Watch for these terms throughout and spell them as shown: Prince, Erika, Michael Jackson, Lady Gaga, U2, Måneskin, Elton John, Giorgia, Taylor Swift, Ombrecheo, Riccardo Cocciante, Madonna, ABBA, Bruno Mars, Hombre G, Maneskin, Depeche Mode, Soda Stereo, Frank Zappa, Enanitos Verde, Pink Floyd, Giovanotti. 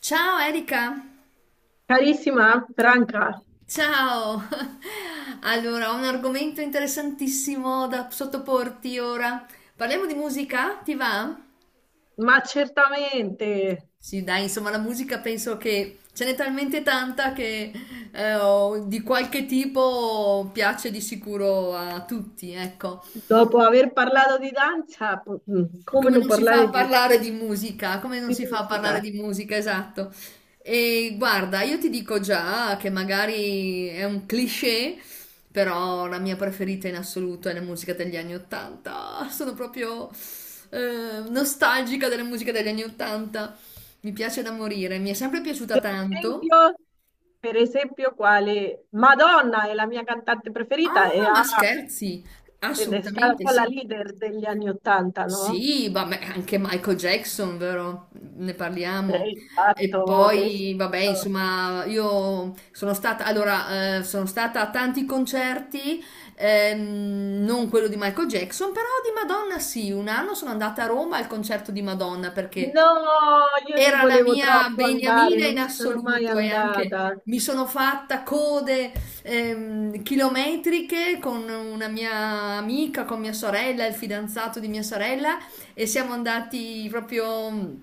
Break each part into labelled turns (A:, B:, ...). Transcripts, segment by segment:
A: Ciao Erika,
B: Carissima Franca,
A: ciao. Allora, ho un argomento interessantissimo da sottoporti ora. Parliamo di musica, ti va?
B: ma certamente
A: Sì, dai, insomma, la musica penso che ce n'è talmente tanta che di qualche tipo piace di sicuro a tutti, ecco.
B: dopo aver parlato di danza, come
A: Come
B: non
A: non si fa a
B: parlare
A: parlare di musica, come non
B: di
A: si fa a
B: musica?
A: parlare di musica, esatto. E guarda, io ti dico già che magari è un cliché, però la mia preferita in assoluto è la musica degli anni Ottanta. Sono proprio nostalgica della musica degli anni Ottanta. Mi piace da morire, mi è sempre piaciuta
B: Per
A: tanto.
B: esempio, per esempio, quale Madonna è la mia cantante preferita e
A: Ah, ma scherzi?
B: ed è stata un
A: Assolutamente
B: po' la
A: sì.
B: leader degli anni Ottanta, no?
A: Sì, vabbè, anche Michael Jackson, vero? Ne
B: E
A: parliamo.
B: il
A: E
B: fatto che sei
A: poi, vabbè,
B: fatto.
A: insomma, io sono stata, allora, sono stata a tanti concerti, non quello di Michael Jackson, però di Madonna sì. Un anno sono andata a Roma al concerto di Madonna perché
B: No, io ci
A: era la
B: volevo
A: mia
B: troppo andare,
A: beniamina in
B: non ci sono mai
A: assoluto e anche
B: andata.
A: mi sono fatta code chilometriche con una mia amica, con mia sorella, il fidanzato di mia sorella e siamo andati proprio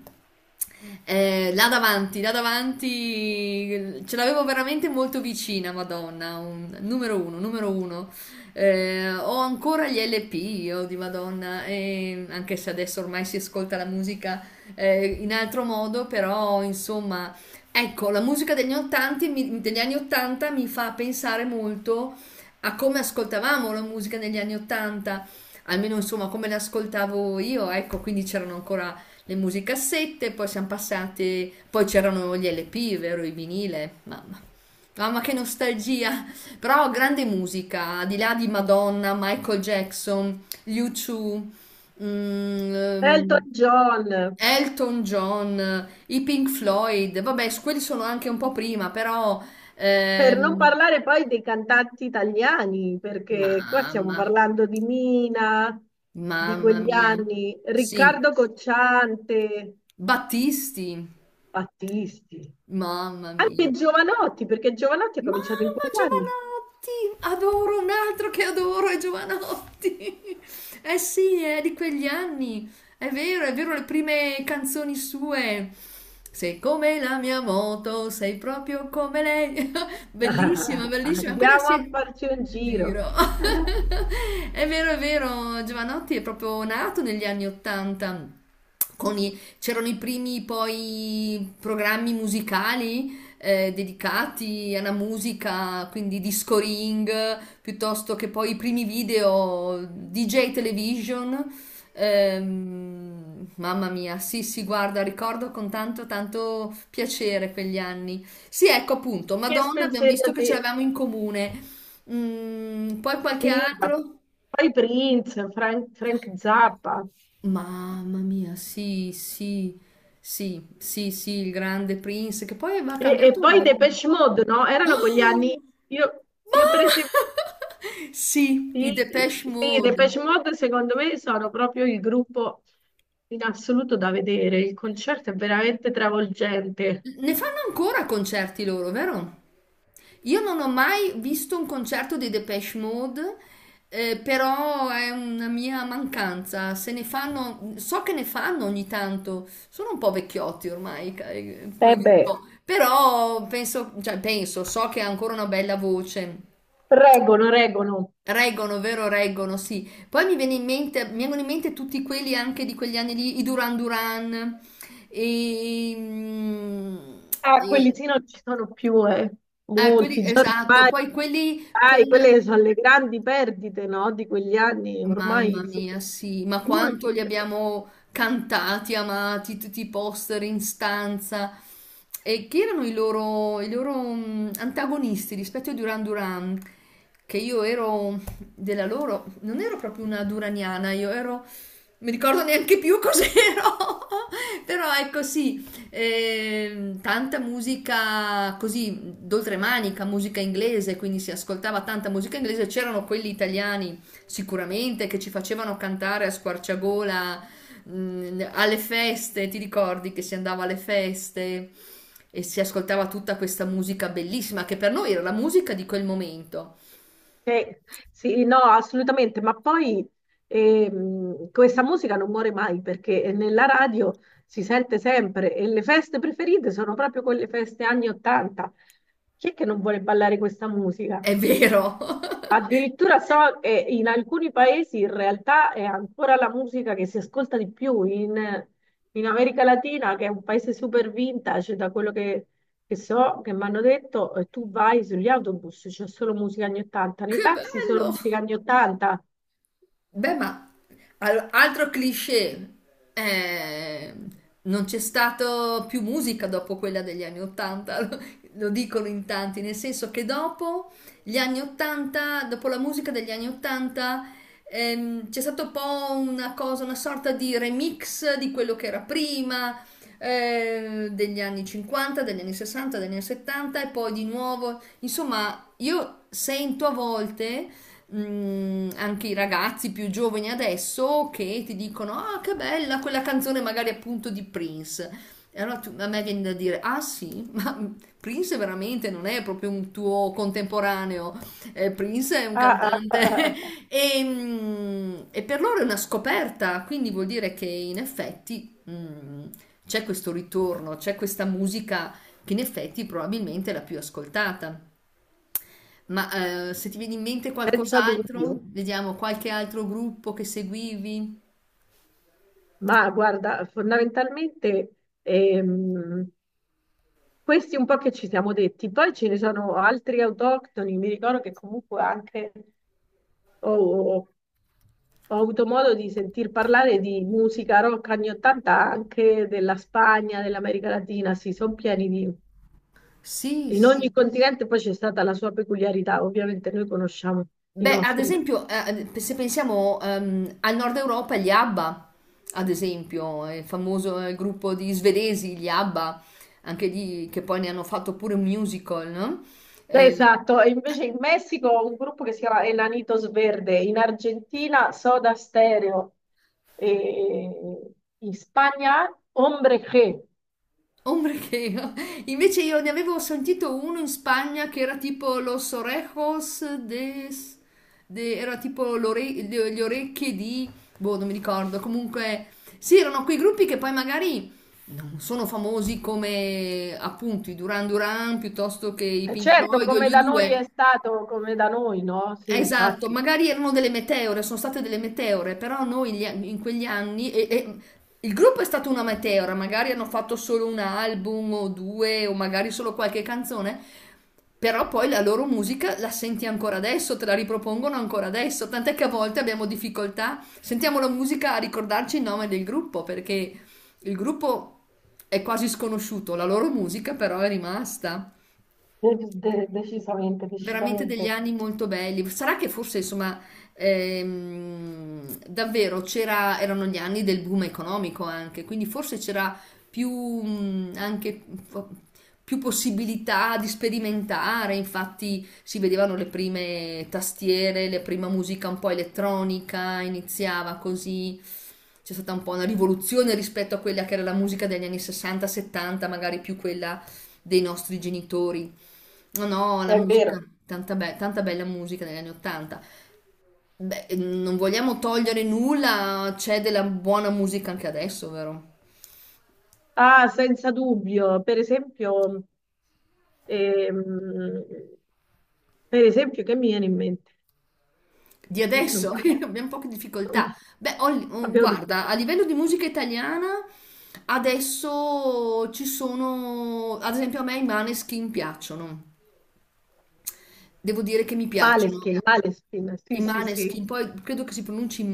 A: là davanti, ce l'avevo veramente molto vicina, Madonna, numero uno, numero uno. Ho ancora gli LP io di Madonna, e anche se adesso ormai si ascolta la musica in altro modo, però insomma. Ecco, la musica degli anni 80 mi fa pensare molto a come ascoltavamo la musica negli anni 80, almeno insomma come l'ascoltavo io, ecco, quindi c'erano ancora le musicassette, poi siamo passati, poi c'erano gli LP, vero, i vinile, mamma. Mamma che nostalgia, però grande musica, al di là di Madonna, Michael Jackson, U2, mm, ehm,
B: Elton John.
A: Elton John, i Pink Floyd, vabbè, quelli sono anche un po' prima, però
B: Per non
A: ehm,
B: parlare poi dei cantanti italiani, perché qua stiamo
A: mamma,
B: parlando di Mina, di
A: mamma
B: quegli
A: mia.
B: anni,
A: Sì,
B: Riccardo Cocciante,
A: Battisti,
B: Battisti,
A: mamma mia.
B: anche Giovanotti, perché Giovanotti ha cominciato in
A: Mamma,
B: quegli anni.
A: Giovanotti, adoro un altro che adoro è Giovanotti. Eh sì, è di quegli anni. È vero, le prime canzoni sue. Sei come la mia moto, sei proprio come lei.
B: Ah,
A: Bellissima, bellissima. Quella
B: andiamo a
A: sì.
B: farci un
A: Giro.
B: giro.
A: È vero, Giovanotti è proprio nato negli anni 80. C'erano i primi poi programmi musicali dedicati alla musica, quindi disco ring, piuttosto che poi i primi video DJ Television. Mamma mia, sì, sì, guarda, ricordo con tanto, tanto piacere quegli anni. Sì, ecco appunto,
B: Che
A: Madonna, abbiamo visto che ce
B: spensierate?
A: l'avevamo in comune. Mm, poi qualche
B: Sì, ma
A: altro?
B: poi Prince, Frank Zappa
A: Mamma mia, sì, sì, sì, sì, sì, il grande Prince, che poi aveva
B: e
A: cambiato
B: poi
A: nome.
B: Depeche Mode, no? Erano quegli
A: Oh,
B: anni. Io, io per esempio,
A: sì,
B: sì,
A: i Depeche
B: sì, i
A: Mode.
B: Depeche Mode secondo me sono proprio il gruppo in assoluto da vedere. Il concerto è veramente travolgente.
A: Ne fanno ancora concerti loro, vero? Io non ho mai visto un concerto dei Depeche Mode, però è una mia mancanza. Se ne fanno, so che ne fanno ogni tanto. Sono un po' vecchiotti ormai,
B: Eh
A: come
B: beh,
A: gruppo. Però penso, cioè, penso, so che ha ancora una bella voce.
B: reggono, reggono.
A: Reggono, vero, reggono, sì. Poi mi viene in mente, mi vengono in mente tutti quelli anche di quegli anni lì, i Duran Duran, e, mm,
B: Ah, quelli
A: e-
B: sì non ci sono più, eh.
A: ah, quelli,
B: Molti, già
A: esatto,
B: ormai,
A: poi quelli
B: dai,
A: con.
B: quelle sono le grandi perdite, no? Di quegli anni,
A: Mamma
B: ormai sì.
A: mia, sì, ma
B: Molti.
A: quanto li abbiamo cantati, amati, tutti i poster in stanza. E chi erano i loro, i loro antagonisti rispetto ai Duran Duran? Che io ero della loro, non ero proprio una duraniana, mi ricordo neanche più cos'ero, però ecco sì, tanta musica così d'oltremanica, musica inglese, quindi si ascoltava tanta musica inglese, c'erano quelli italiani sicuramente che ci facevano cantare a squarciagola alle feste, ti ricordi che si andava alle feste e si ascoltava tutta questa musica bellissima che per noi era la musica di quel momento.
B: Sì, sì, no, assolutamente, ma poi questa musica non muore mai perché nella radio si sente sempre e le feste preferite sono proprio quelle feste anni 80. Chi è che non vuole ballare questa musica?
A: È vero.
B: Addirittura so che in alcuni paesi in realtà è ancora la musica che si ascolta di più, in America Latina, che è un paese super vintage, da quello che so, che mi hanno detto, tu vai sugli autobus, c'è solo musica anni 80, nei
A: Che
B: taxi solo
A: bello!
B: musica anni 80.
A: Beh, ma altro cliché, eh, non c'è stato più musica dopo quella degli anni Ottanta, lo dicono in tanti, nel senso che dopo gli anni Ottanta, dopo la musica degli anni Ottanta, c'è stato un po' una cosa, una sorta di remix di quello che era prima, degli anni 50, degli anni 60, degli anni 70 e poi di nuovo, insomma, io sento a volte anche i ragazzi più giovani adesso che ti dicono: ah, che bella quella canzone, magari appunto di Prince. E allora a me viene da dire: ah, sì, ma Prince veramente non è proprio un tuo contemporaneo. Prince è un
B: Ah, ah, ah,
A: cantante
B: ah, ah, ah,
A: e per loro è una scoperta, quindi vuol dire che in effetti c'è questo ritorno, c'è questa musica che in effetti probabilmente è la più ascoltata. Ma se ti viene in mente
B: senza
A: qualcos'altro,
B: dubbio.
A: vediamo qualche altro gruppo che seguivi.
B: Ma guarda, fondamentalmente ehm, questi un po' che ci siamo detti, poi ce ne sono altri autoctoni, mi ricordo che comunque anche... Oh, oh, oh, ho avuto modo di sentir parlare di musica rock anni 80 anche della Spagna, dell'America Latina, sì, sono pieni di...
A: Sì,
B: In
A: sì.
B: ogni continente poi c'è stata la sua peculiarità, ovviamente noi conosciamo i
A: Beh, ad
B: nostri.
A: esempio, se pensiamo al nord Europa, gli ABBA, ad esempio, il famoso gruppo di svedesi, gli ABBA, anche lì che poi ne hanno fatto pure un musical, no?
B: Beh,
A: Eh,
B: esatto, e invece in Messico ho un gruppo che si chiama Enanitos Verde, in Argentina Soda Stereo, e in Spagna Hombre G.
A: Ombrecheo. Invece io ne avevo sentito uno in Spagna che era tipo Los Orejos de... era tipo le orecchie di... boh, non mi ricordo. Comunque, sì, erano quei gruppi che poi magari non sono famosi come appunto i Duran Duran piuttosto che i
B: E
A: Pink
B: certo,
A: Floyd o
B: come
A: gli
B: da noi è
A: U2.
B: stato, come da noi, no? Sì,
A: Esatto,
B: infatti.
A: magari erano delle meteore, sono state delle meteore, però noi in quegli anni, e il gruppo è stato una meteora, magari hanno fatto solo un album o due, o magari solo qualche canzone, però poi la loro musica la senti ancora adesso, te la ripropongono ancora adesso, tant'è che a volte abbiamo difficoltà, sentiamo la musica a ricordarci il nome del gruppo, perché il gruppo è quasi sconosciuto, la loro musica però è rimasta.
B: Decisamente,
A: Veramente
B: decisamente.
A: degli anni molto belli. Sarà che forse, insomma, davvero c'era, erano gli anni del boom economico anche, quindi forse c'era più, anche, mh, più possibilità di sperimentare. Infatti, si vedevano le prime tastiere, la prima musica un po' elettronica, iniziava così. C'è stata un po' una rivoluzione rispetto a quella che era la musica degli anni 60-70, magari più quella dei nostri genitori. No, no, la
B: È vero.
A: musica, tanta, tanta bella musica negli anni 80. Beh, non vogliamo togliere nulla, c'è della buona musica anche adesso, vero?
B: Ah, senza dubbio. Ehm, per esempio, che mi viene in mente?
A: Di
B: Non,
A: adesso abbiamo poche
B: non
A: difficoltà.
B: mi-
A: Beh, oh,
B: Abbiamo detto
A: guarda, a livello di musica italiana, adesso ci sono, ad esempio a me i Maneskin piacciono. Devo dire che mi
B: Måneskin,
A: piacciono.
B: Måneskin. Sì,
A: I
B: sì, sì.
A: Maneskin, poi credo che si pronunci m-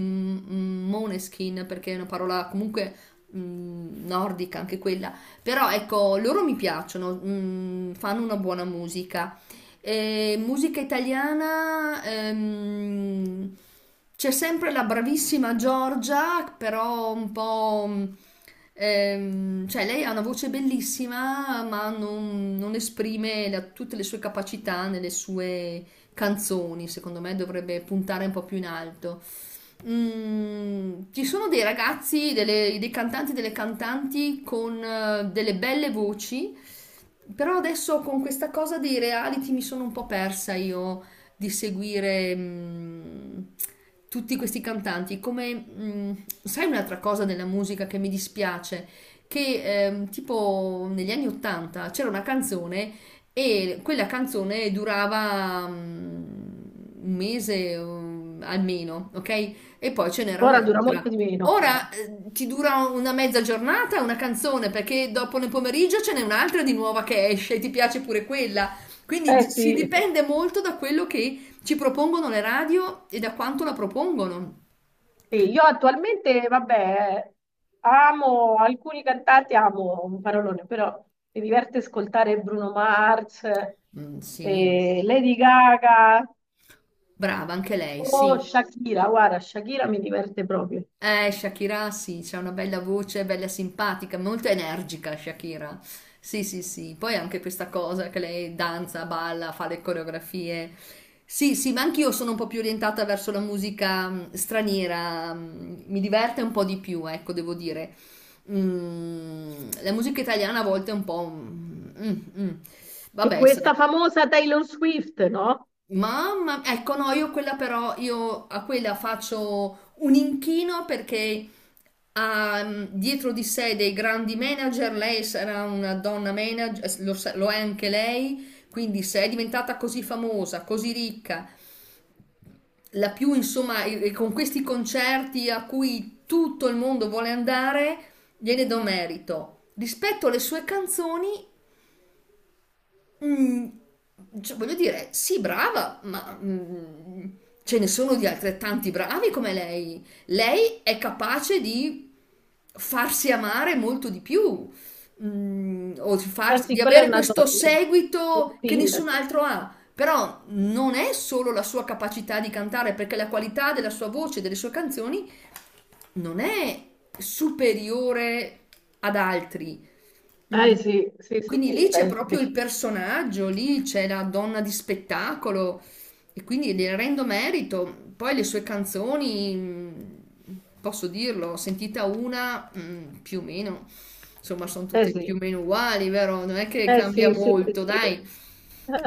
A: m- Moneskin perché è una parola comunque nordica anche quella, però ecco, loro mi piacciono, fanno una buona musica. E musica italiana, c'è sempre la bravissima Giorgia, però un po'. Cioè, lei ha una voce bellissima, ma non esprime tutte le sue capacità nelle sue canzoni, secondo me dovrebbe puntare un po' più in alto. Mm, ci sono dei ragazzi, dei cantanti, delle cantanti con delle belle voci, però adesso con questa cosa dei reality mi sono un po' persa io di seguire tutti questi cantanti. Come, mm, sai un'altra cosa della musica che mi dispiace? Che tipo negli anni 80 c'era una canzone e quella canzone durava un mese almeno, ok? E poi ce n'era
B: Ora dura
A: un'altra.
B: molto di meno.
A: Ora ti dura una mezza giornata una canzone, perché dopo nel pomeriggio ce n'è un'altra di nuova che esce e ti piace pure quella. Quindi
B: Eh
A: si
B: sì.
A: dipende molto da quello che ci propongono le radio e da quanto la propongono.
B: Sì, io attualmente, vabbè, amo alcuni cantanti, amo un parolone, però mi diverte ascoltare Bruno Mars,
A: Mm, sì,
B: Lady Gaga.
A: brava anche lei,
B: Oh,
A: sì.
B: Shakira, guarda, Shakira mi diverte proprio.
A: Shakira sì, c'ha una bella voce, bella simpatica, molto energica Shakira. Sì, sì, sì. Poi anche questa cosa che lei danza, balla, fa le coreografie. Sì, sì, ma anch'io sono un po' più orientata verso la musica straniera, mi diverte un po' di più, ecco, devo dire. Mm, la musica italiana a volte è un po'. Mm.
B: E
A: Vabbè, sarà.
B: questa famosa Taylor Swift, no?
A: Mamma, ecco no, io quella però, io a quella faccio un inchino perché ha dietro di sé dei grandi manager, lei sarà una donna manager, lo è anche lei, quindi se è diventata così famosa, così ricca, la più insomma, e con questi concerti a cui tutto il mondo vuole andare, gliene do merito. Rispetto alle sue canzoni, Mm, cioè, voglio dire, sì, brava, ma ce ne sono di altrettanti bravi come lei. Lei è capace di farsi amare molto di più, o di,
B: Eh
A: farsi-
B: sì,
A: di
B: quella è
A: avere
B: una
A: questo
B: donna. La
A: seguito che
B: Phil.
A: nessun altro ha. Però non è solo la sua capacità di cantare, perché la qualità della sua voce, delle sue canzoni, non è superiore ad altri. Mm.
B: Eh sì, sì, sì,
A: Quindi lì
B: sì,
A: c'è
B: dai,
A: proprio
B: dai.
A: il personaggio, lì c'è la donna di spettacolo, e quindi le rendo merito. Poi le sue canzoni, posso dirlo, sentita una, più o meno, insomma, sono
B: Eh
A: tutte
B: sì,
A: più o meno uguali, vero? Non è che
B: eh
A: cambia
B: sì, sì, sì,
A: molto,
B: sì.
A: dai.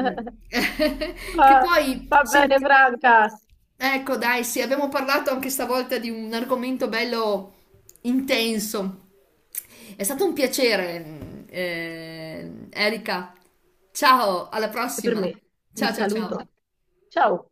A: Mm. Che
B: Va,
A: poi,
B: va bene,
A: senti.
B: Franca.
A: Ecco, dai, sì, abbiamo parlato anche stavolta di un argomento bello intenso. È stato un piacere, Erika. Ciao, alla
B: E per
A: prossima.
B: me, un
A: Ciao, ciao,
B: saluto.
A: ciao.
B: Ciao.